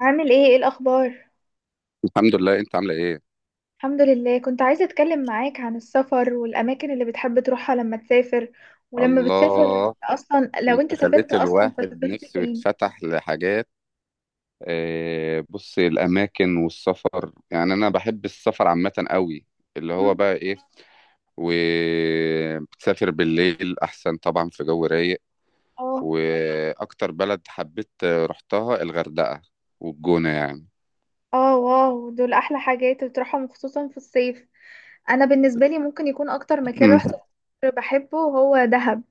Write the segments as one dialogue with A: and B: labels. A: عامل ايه، ايه الاخبار؟
B: الحمد لله، انت عامله ايه؟
A: الحمد لله، كنت عايزه اتكلم معاك عن السفر والاماكن اللي بتحب تروحها لما تسافر. ولما بتسافر
B: الله.
A: اصلا، لو انت
B: انت
A: سافرت
B: خليت
A: اصلا،
B: الواحد
A: فسافرت
B: نفسه
A: فين؟
B: يتفتح لحاجات. آه، بص، الاماكن والسفر يعني انا بحب السفر عامه قوي. اللي هو
A: مم.
B: بقى ايه. وبتسافر بالليل احسن طبعا، في جو رايق.
A: اه.
B: واكتر بلد حبيت رحتها الغردقه والجونه يعني.
A: اه، واو، دول احلى حاجات بتروحهم خصوصا في الصيف. انا بالنسبه لي ممكن يكون اكتر مكان رحت بحبه هو دهب،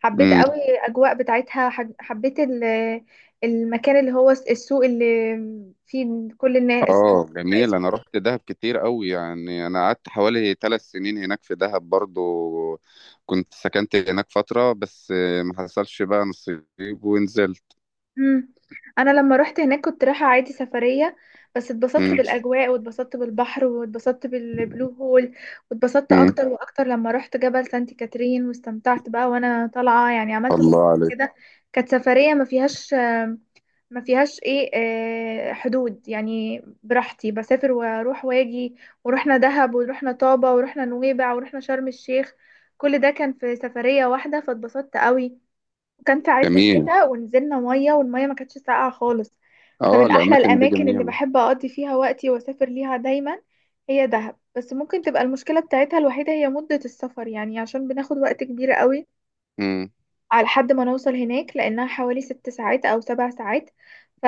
A: حبيت
B: امم.
A: قوي الاجواء بتاعتها، حبيت المكان اللي هو السوق اللي فيه كل الناس.
B: اه جميل، انا رحت دهب كتير قوي، يعني انا قعدت حوالي 3 سنين هناك في دهب برضو. كنت سكنت هناك فترة بس آه، ما حصلش بقى نصيب ونزلت.
A: مم. انا لما رحت هناك كنت رايحه عادي سفريه، بس اتبسطت
B: مم.
A: بالاجواء واتبسطت بالبحر واتبسطت بالبلو هول. واتبسطت
B: مم.
A: اكتر واكتر لما رحت جبل سانت كاترين، واستمتعت بقى وانا طالعه، يعني عملت مغامره
B: الله عليك.
A: كده. كانت سفريه ما فيهاش، ما فيهاش ايه، حدود، يعني براحتي بسافر واروح واجي. ورحنا دهب ورحنا طابة ورحنا نويبع ورحنا شرم الشيخ، كل ده كان في سفرية واحدة فاتبسطت قوي. وكان في عز
B: جميل،
A: الشتاء ونزلنا مية والمية ما كانتش ساقعة خالص.
B: اه
A: فمن أحلى
B: الاماكن دي
A: الأماكن اللي
B: جميلة.
A: بحب أقضي فيها وقتي وأسافر ليها دايما هي دهب. بس ممكن تبقى المشكلة بتاعتها الوحيدة هي مدة السفر، يعني عشان بناخد وقت كبير قوي
B: مم.
A: على لحد ما نوصل هناك لأنها حوالي ست ساعات أو سبع ساعات.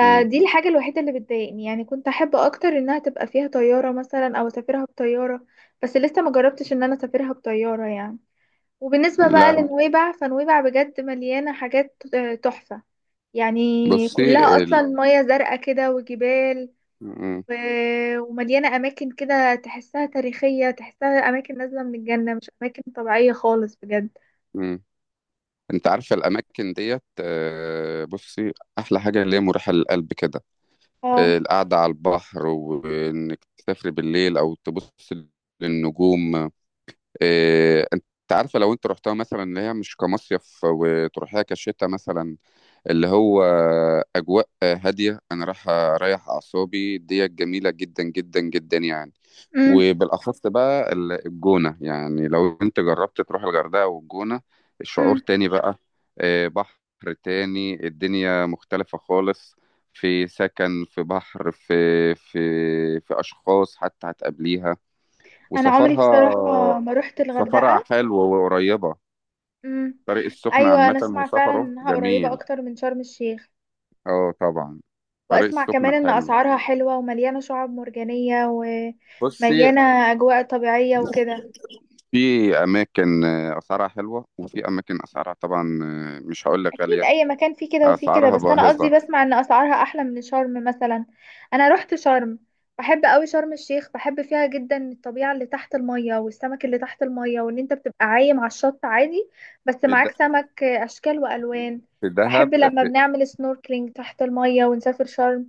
B: مم.
A: الحاجة الوحيدة اللي بتضايقني، يعني كنت أحب أكتر إنها تبقى فيها طيارة مثلا أو أسافرها بطيارة. بس لسه ما جربتش إن أنا أسافرها بطيارة يعني. وبالنسبة بقى
B: لا،
A: لنويبع، فنويبع بجد مليانة حاجات تحفة، يعني
B: بصي
A: كلها أصلا
B: ال...
A: مياه زرقاء كده وجبال،
B: مم.
A: و- ومليانة أماكن كده تحسها تاريخية، تحسها أماكن نازلة من الجنة، مش أماكن طبيعية خالص بجد.
B: مم. انت عارفة الاماكن ديت آه، بصي، احلى حاجة اللي هي مريحة للقلب كده. آه،
A: اه.
B: القعدة على البحر وانك تسافري بالليل او تبص للنجوم. إيه، انت عارفه لو انت رحتها مثلا اللي هي مش كمصيف وتروحيها كشتا مثلا، اللي هو اجواء هاديه، انا رايح اريح اعصابي، دي جميله جدا جدا جدا يعني.
A: امم.
B: وبالاخص بقى الجونه يعني، لو انت جربت تروح الغردقه والجونه، الشعور
A: امم.
B: تاني بقى. إيه، بحر تاني، الدنيا مختلفه خالص. في سكن، في بحر، في في اشخاص حتى هتقابليها
A: أنا عمري
B: وسفرها.
A: بصراحة ما روحت
B: سفرها
A: الغردقة.
B: حلو وقريبة.
A: امم.
B: طريق السخنة
A: أيوة،
B: عامة
A: أنا أسمع فعلا
B: وسفره
A: إنها قريبة
B: جميل.
A: أكتر من شرم الشيخ،
B: اه طبعا. طريق
A: وأسمع كمان
B: السخنة
A: إن
B: حلو.
A: أسعارها حلوة ومليانة شعاب مرجانية
B: بصي،
A: ومليانة أجواء طبيعية وكده.
B: في أماكن آه، أسعارها حلوة، وفي أماكن أسعارها طبعا آه، مش هقول لك
A: اكيد
B: غالية،
A: اي مكان فيه كده وفيه كده،
B: أسعارها
A: بس انا قصدي
B: باهظة.
A: بسمع ان اسعارها احلى من شرم مثلا. انا رحت شرم، بحب قوي شرم الشيخ، بحب فيها جدا الطبيعة اللي تحت المية والسمك اللي تحت المية، وان انت بتبقى عايم على الشط عادي بس
B: في د...
A: معاك سمك اشكال والوان.
B: في دهب
A: بحب لما
B: في.
A: بنعمل سنوركلينج تحت المية ونسافر شرم.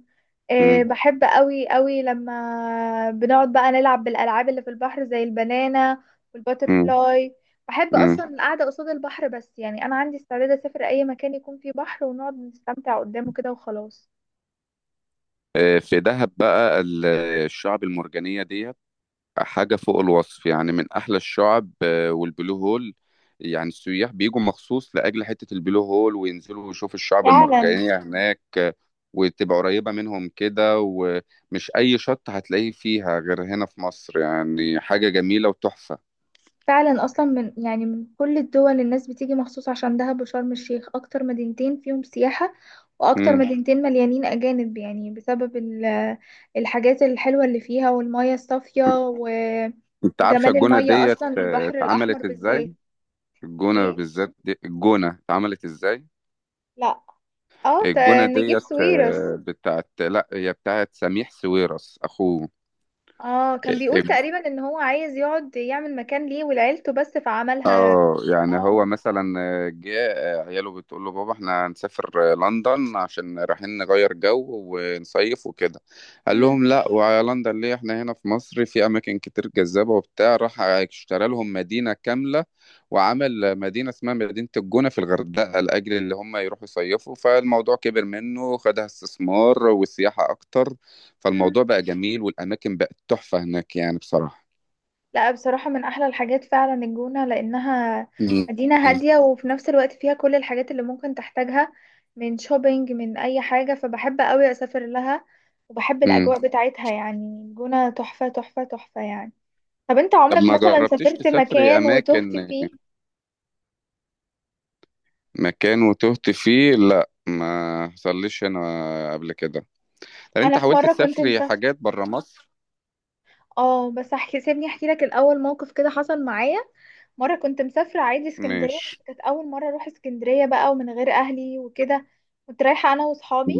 A: أه،
B: مم.
A: بحب قوي قوي لما بنقعد بقى نلعب بالالعاب اللي في البحر زي البنانة
B: مم.
A: والباترفلاي. بحب
B: مم.
A: اصلا القعده قصاد البحر، بس يعني انا عندي استعداد اسافر اي مكان يكون فيه بحر ونقعد نستمتع قدامه كده وخلاص.
B: آه، في دهب بقى الشعب المرجانية ديت حاجة فوق الوصف، يعني من أحلى الشعب آه، والبلو هول. يعني السياح بيجوا مخصوص لأجل حتة البلو هول، وينزلوا يشوفوا الشعب
A: فعلا.
B: المرجانية هناك آه، وتبقى قريبة منهم كده، ومش أي شط هتلاقيه فيها غير هنا في مصر، يعني حاجة جميلة وتحفة.
A: فعلا اصلا من يعني من كل الدول الناس بتيجي مخصوص عشان دهب وشرم الشيخ اكتر مدينتين فيهم سياحه، واكتر
B: مم.
A: مدينتين مليانين اجانب، يعني بسبب الحاجات الحلوه اللي فيها والميه الصافيه
B: أنت عارفة
A: وجمال
B: الجونة
A: الميه
B: ديت
A: اصلا،
B: آه،
A: البحر الاحمر
B: اتعملت إزاي؟
A: بالذات.
B: الجونة
A: ايه.
B: بالذات، دي الجونة اتعملت إزاي؟
A: لا. اه،
B: الجونة
A: نجيب
B: ديت
A: سويرس.
B: آه، بتاعت، لا هي بتاعت سميح سويرس أخوه.
A: اه، كان بيقول تقريبا ان هو عايز يقعد يعمل مكان ليه ولعيلته، بس فعملها.
B: اه، يعني
A: اه.
B: هو مثلا آه، جه آه، عياله بتقول له بابا احنا هنسافر آه، لندن عشان رايحين نغير جو ونصيف وكده. قال
A: مم.
B: لهم لا، وعلى لندن ليه، احنا هنا في مصر في اماكن كتير جذابة وبتاع، راح اشترى لهم مدينة كاملة، وعمل مدينة اسمها مدينة الجونة في الغردقة لأجل اللي هم يروحوا يصيفوا، فالموضوع كبر منه، خدها استثمار والسياحة اكتر.
A: مم.
B: فالموضوع بقى جميل والاماكن بقت تحفة هناك يعني بصراحة.
A: لا، بصراحة من احلى الحاجات فعلا الجونة، لانها
B: مم.
A: مدينة هادية وفي نفس الوقت فيها كل الحاجات اللي ممكن تحتاجها، من شوبينج من اي حاجة، فبحب قوي اسافر لها. وبحب
B: مم.
A: الاجواء بتاعتها، يعني الجونة تحفة تحفة تحفة يعني. طب انت
B: طب
A: عمرك
B: ما
A: مثلا
B: جربتيش
A: سافرت
B: تسافري
A: مكان وتهت
B: اماكن،
A: فيه؟
B: مكان وتهت فيه؟ لا ما حصليش انا قبل كده. طب انت
A: انا في
B: حاولت
A: مرة كنت
B: تسافري
A: مسافرة.
B: حاجات بره مصر؟
A: اه، بس احكي، سيبني احكي لك الاول موقف كده حصل معايا. مرة كنت مسافرة عادي اسكندرية،
B: مش.
A: بس كانت أول مرة أروح اسكندرية بقى ومن غير أهلي وكده. كنت رايحة أنا وصحابي،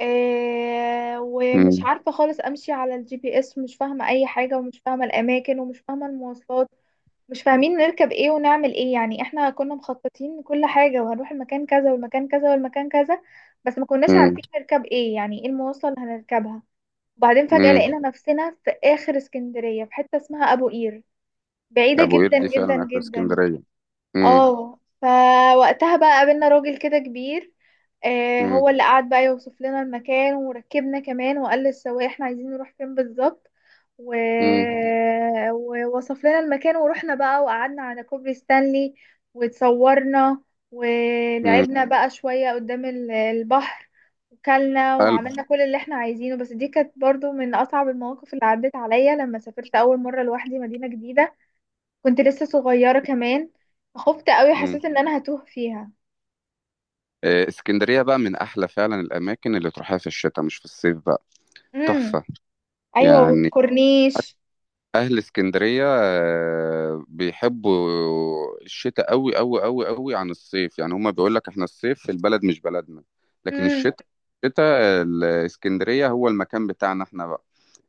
A: ومش
B: مم.
A: عارفة خالص أمشي على الجي بي إس، ومش فاهمة أي حاجة ومش فاهمة الأماكن ومش فاهمة المواصلات. مش فاهمين نركب إيه ونعمل إيه، يعني إحنا كنا مخططين كل حاجة وهنروح المكان كذا والمكان كذا والمكان كذا، بس ما كناش
B: مم.
A: عارفين نركب إيه، يعني إيه المواصلة اللي هنركبها. وبعدين فجأة
B: مم.
A: لقينا نفسنا في آخر اسكندرية في حتة اسمها أبو قير، بعيدة
B: ابو قير
A: جدا
B: دي
A: جدا
B: فعلا اخر
A: جدا.
B: اسكندريه. مم.
A: اه، فوقتها بقى قابلنا راجل كده كبير،
B: مم.
A: هو اللي قعد بقى يوصف لنا المكان وركبنا كمان، وقال للسواق احنا عايزين نروح فين بالظبط. و...
B: مم.
A: ووصف لنا المكان، ورحنا بقى وقعدنا على كوبري ستانلي واتصورنا،
B: مم.
A: ولعبنا بقى شوية قدام البحر، وكلنا
B: حلو.
A: وعملنا كل اللي احنا عايزينه. بس دي كانت برضو من أصعب المواقف اللي عدت عليا، لما سافرت أول مرة لوحدي مدينة جديدة، كنت لسه صغيرة كمان، خفت قوي،
B: مم.
A: حسيت ان انا هتوه فيها.
B: آه، اسكندريه بقى من احلى فعلا الاماكن اللي تروحها في الشتاء، مش في الصيف بقى،
A: امم.
B: تحفه.
A: ايوه،
B: يعني
A: والكورنيش.
B: اهل اسكندريه آه، بيحبوا الشتاء قوي قوي قوي قوي عن الصيف، يعني هما بيقول لك احنا الصيف في البلد مش بلدنا، لكن
A: امم.
B: الشتاء الاسكندريه هو المكان بتاعنا احنا بقى.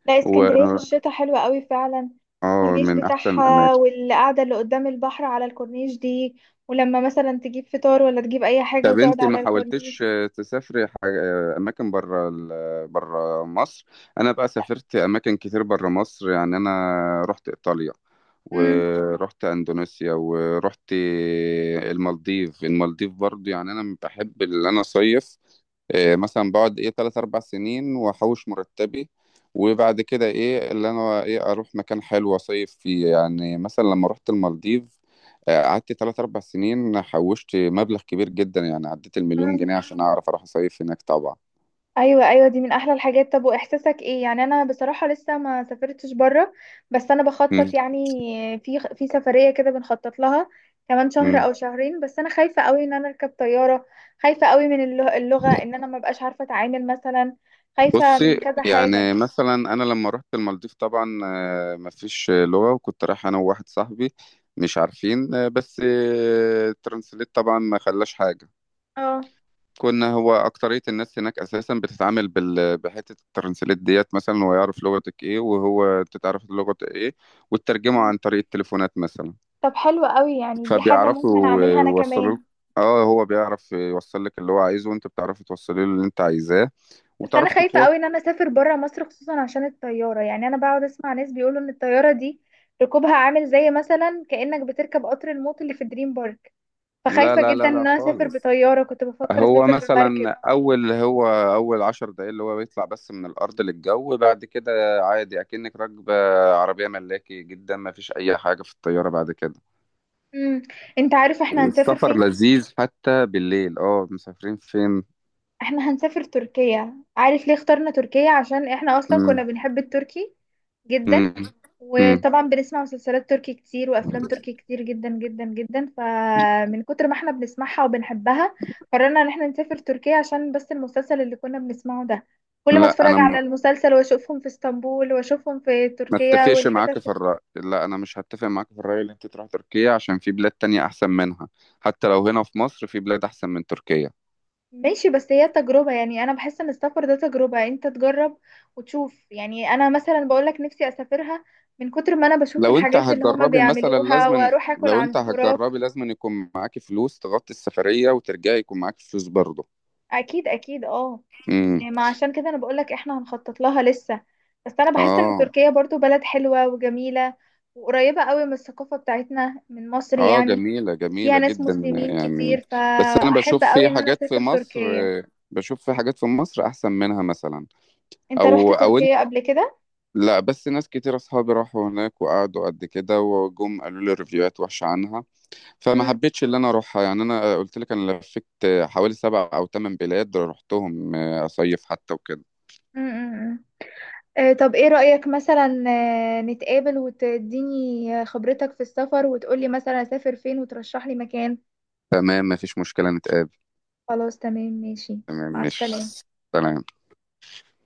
A: لا،
B: و،
A: اسكندرية في الشتاء حلوة قوي فعلا،
B: اه،
A: الكورنيش
B: من احسن
A: بتاعها
B: الاماكن.
A: والقعدة اللي قدام البحر على الكورنيش دي، ولما مثلا تجيب فطار ولا تجيب اي حاجة
B: طب
A: وتقعد
B: انت ما
A: على
B: حاولتش
A: الكورنيش.
B: آه، تسافري اماكن بره مصر؟ انا بقى سافرت اماكن كتير بره مصر، يعني انا رحت ايطاليا، ورحت اندونيسيا، ورحت المالديف. المالديف برضو، يعني انا بحب اللي انا صيف. إيه، مثلا بقعد ايه تلات اربع سنين واحوش مرتبي، وبعد كده ايه اللي انا، ايه، اروح مكان حلو اصيف فيه، يعني مثلا لما رحت المالديف آه، قعدت تلات اربع سنين، حوشت مبلغ كبير جدا، يعني عديت المليون جنيه
A: امم.
B: عشان اعرف اروح اصيف هناك طبعا.
A: ايوه ايوه، دي من احلى الحاجات. طب واحساسك ايه؟ يعني انا بصراحه لسه ما سافرتش بره، بس انا
B: مم.
A: بخطط يعني في في سفريه كده بنخطط لها كمان شهر
B: مم.
A: او شهرين. بس انا خايفه قوي ان انا اركب طياره، خايفه قوي من اللغه ان انا ما بقاش عارفه اتعامل مثلا، خايفه من
B: بصي،
A: كذا حاجه
B: يعني
A: يعني.
B: مثلا انا لما رحت المالديف طبعا آه، مفيش لغة، وكنت رايح انا وواحد صاحبي، مش عارفين آه، بس آه، ترانسليت طبعا ما خلاش حاجة.
A: اه.
B: كنا، هو أكترية الناس هناك أساسا بتتعامل بحتة الترانسليت ديت، مثلا هو يعرف لغتك إيه، وهو أنت تعرف لغة إيه، وتترجمه
A: مم.
B: عن طريق التليفونات مثلا،
A: طب حلو قوي، يعني دي حاجه ممكن
B: فبيعرفوا
A: اعملها انا
B: يوصلوا لك.
A: كمان.
B: اه، هو بيعرف يوصل لك اللي هو عايزه، وأنت بتعرفي توصلي له اللي أنت عايزاه
A: بس انا
B: وتعرفي
A: خايفه
B: تتواصل.
A: قوي ان انا اسافر بره مصر خصوصا عشان الطياره، يعني انا بقعد اسمع ناس بيقولوا ان الطياره دي ركوبها عامل زي مثلا كانك بتركب قطر الموت اللي في دريم بارك.
B: لا
A: فخايفه
B: لا
A: جدا
B: لا لا
A: ان انا اسافر
B: خالص.
A: بطياره، كنت بفكر
B: هو
A: اسافر
B: مثلا
A: بمركب.
B: أول، هو أول 10 دقايق اللي هو بيطلع بس من الأرض للجو، بعد كده عادي أكنك راكبة عربية ملاكي، جدا ما فيش أي حاجة في الطيارة بعد كده.
A: امم. انت عارف احنا هنسافر
B: والسفر
A: فين؟
B: لذيذ حتى بالليل. اه، مسافرين فين؟
A: احنا هنسافر تركيا. عارف ليه اخترنا تركيا؟ عشان احنا اصلا كنا
B: مم.
A: بنحب التركي جدا،
B: مم. مم.
A: وطبعا بنسمع مسلسلات تركي كتير وافلام تركي كتير جدا جدا جدا، فمن كتر ما احنا بنسمعها وبنحبها قررنا ان احنا نسافر تركيا، عشان بس المسلسل اللي كنا بنسمعه ده كل ما
B: لا
A: اتفرج
B: انا م-
A: على المسلسل واشوفهم في اسطنبول واشوفهم في
B: ما
A: تركيا
B: اتفقش معاك
A: والحتت.
B: في الرأي، لا انا مش هتفق معاك في الرأي اللي انت تروح تركيا، عشان في بلاد تانية احسن منها، حتى لو هنا في مصر في بلاد احسن من تركيا.
A: ماشي، بس هي تجربة، يعني انا بحس ان السفر ده تجربة، انت تجرب وتشوف. يعني انا مثلا بقولك نفسي اسافرها من كتر ما انا بشوف الحاجات اللي هما بيعملوها، واروح اكل
B: لو انت
A: عند براك.
B: هتجربي لازم يكون معاكي فلوس تغطي السفرية، وترجعي يكون معاكي فلوس برضه.
A: اكيد اكيد، اه.
B: امم.
A: ما عشان كده انا بقولك احنا هنخطط لها لسه. بس انا بحس ان
B: اه.
A: تركيا برضو بلد حلوة وجميلة، وقريبة قوي من الثقافة بتاعتنا من مصر
B: اه
A: يعني.
B: جميلة، جميلة
A: وفيها ناس
B: جدا
A: مسلمين
B: يعني.
A: كتير،
B: بس انا
A: فاحب
B: بشوف
A: قوي
B: في
A: ان انا
B: حاجات في
A: اسافر
B: مصر
A: تركيا.
B: بشوف في حاجات في مصر احسن منها مثلا.
A: انت رحت
B: او انت،
A: تركيا قبل كده؟
B: لا، بس ناس كتير اصحابي راحوا هناك وقعدوا قد كده وجم قالوا لي ريفيوهات وحشة عنها، فما
A: مم،
B: حبيتش اللي انا اروحها. يعني انا قلت لك، انا لفيت حوالي 7 او 8 بلاد رحتهم اصيف حتى وكده.
A: مم، مم. طب ايه رأيك مثلا نتقابل وتديني خبرتك في السفر وتقولي مثلا اسافر فين وترشح لي مكان.
B: تمام مفيش مشكلة نتقابل.
A: خلاص، تمام، ماشي.
B: تمام
A: مع
B: مش.
A: السلامة.
B: سلام.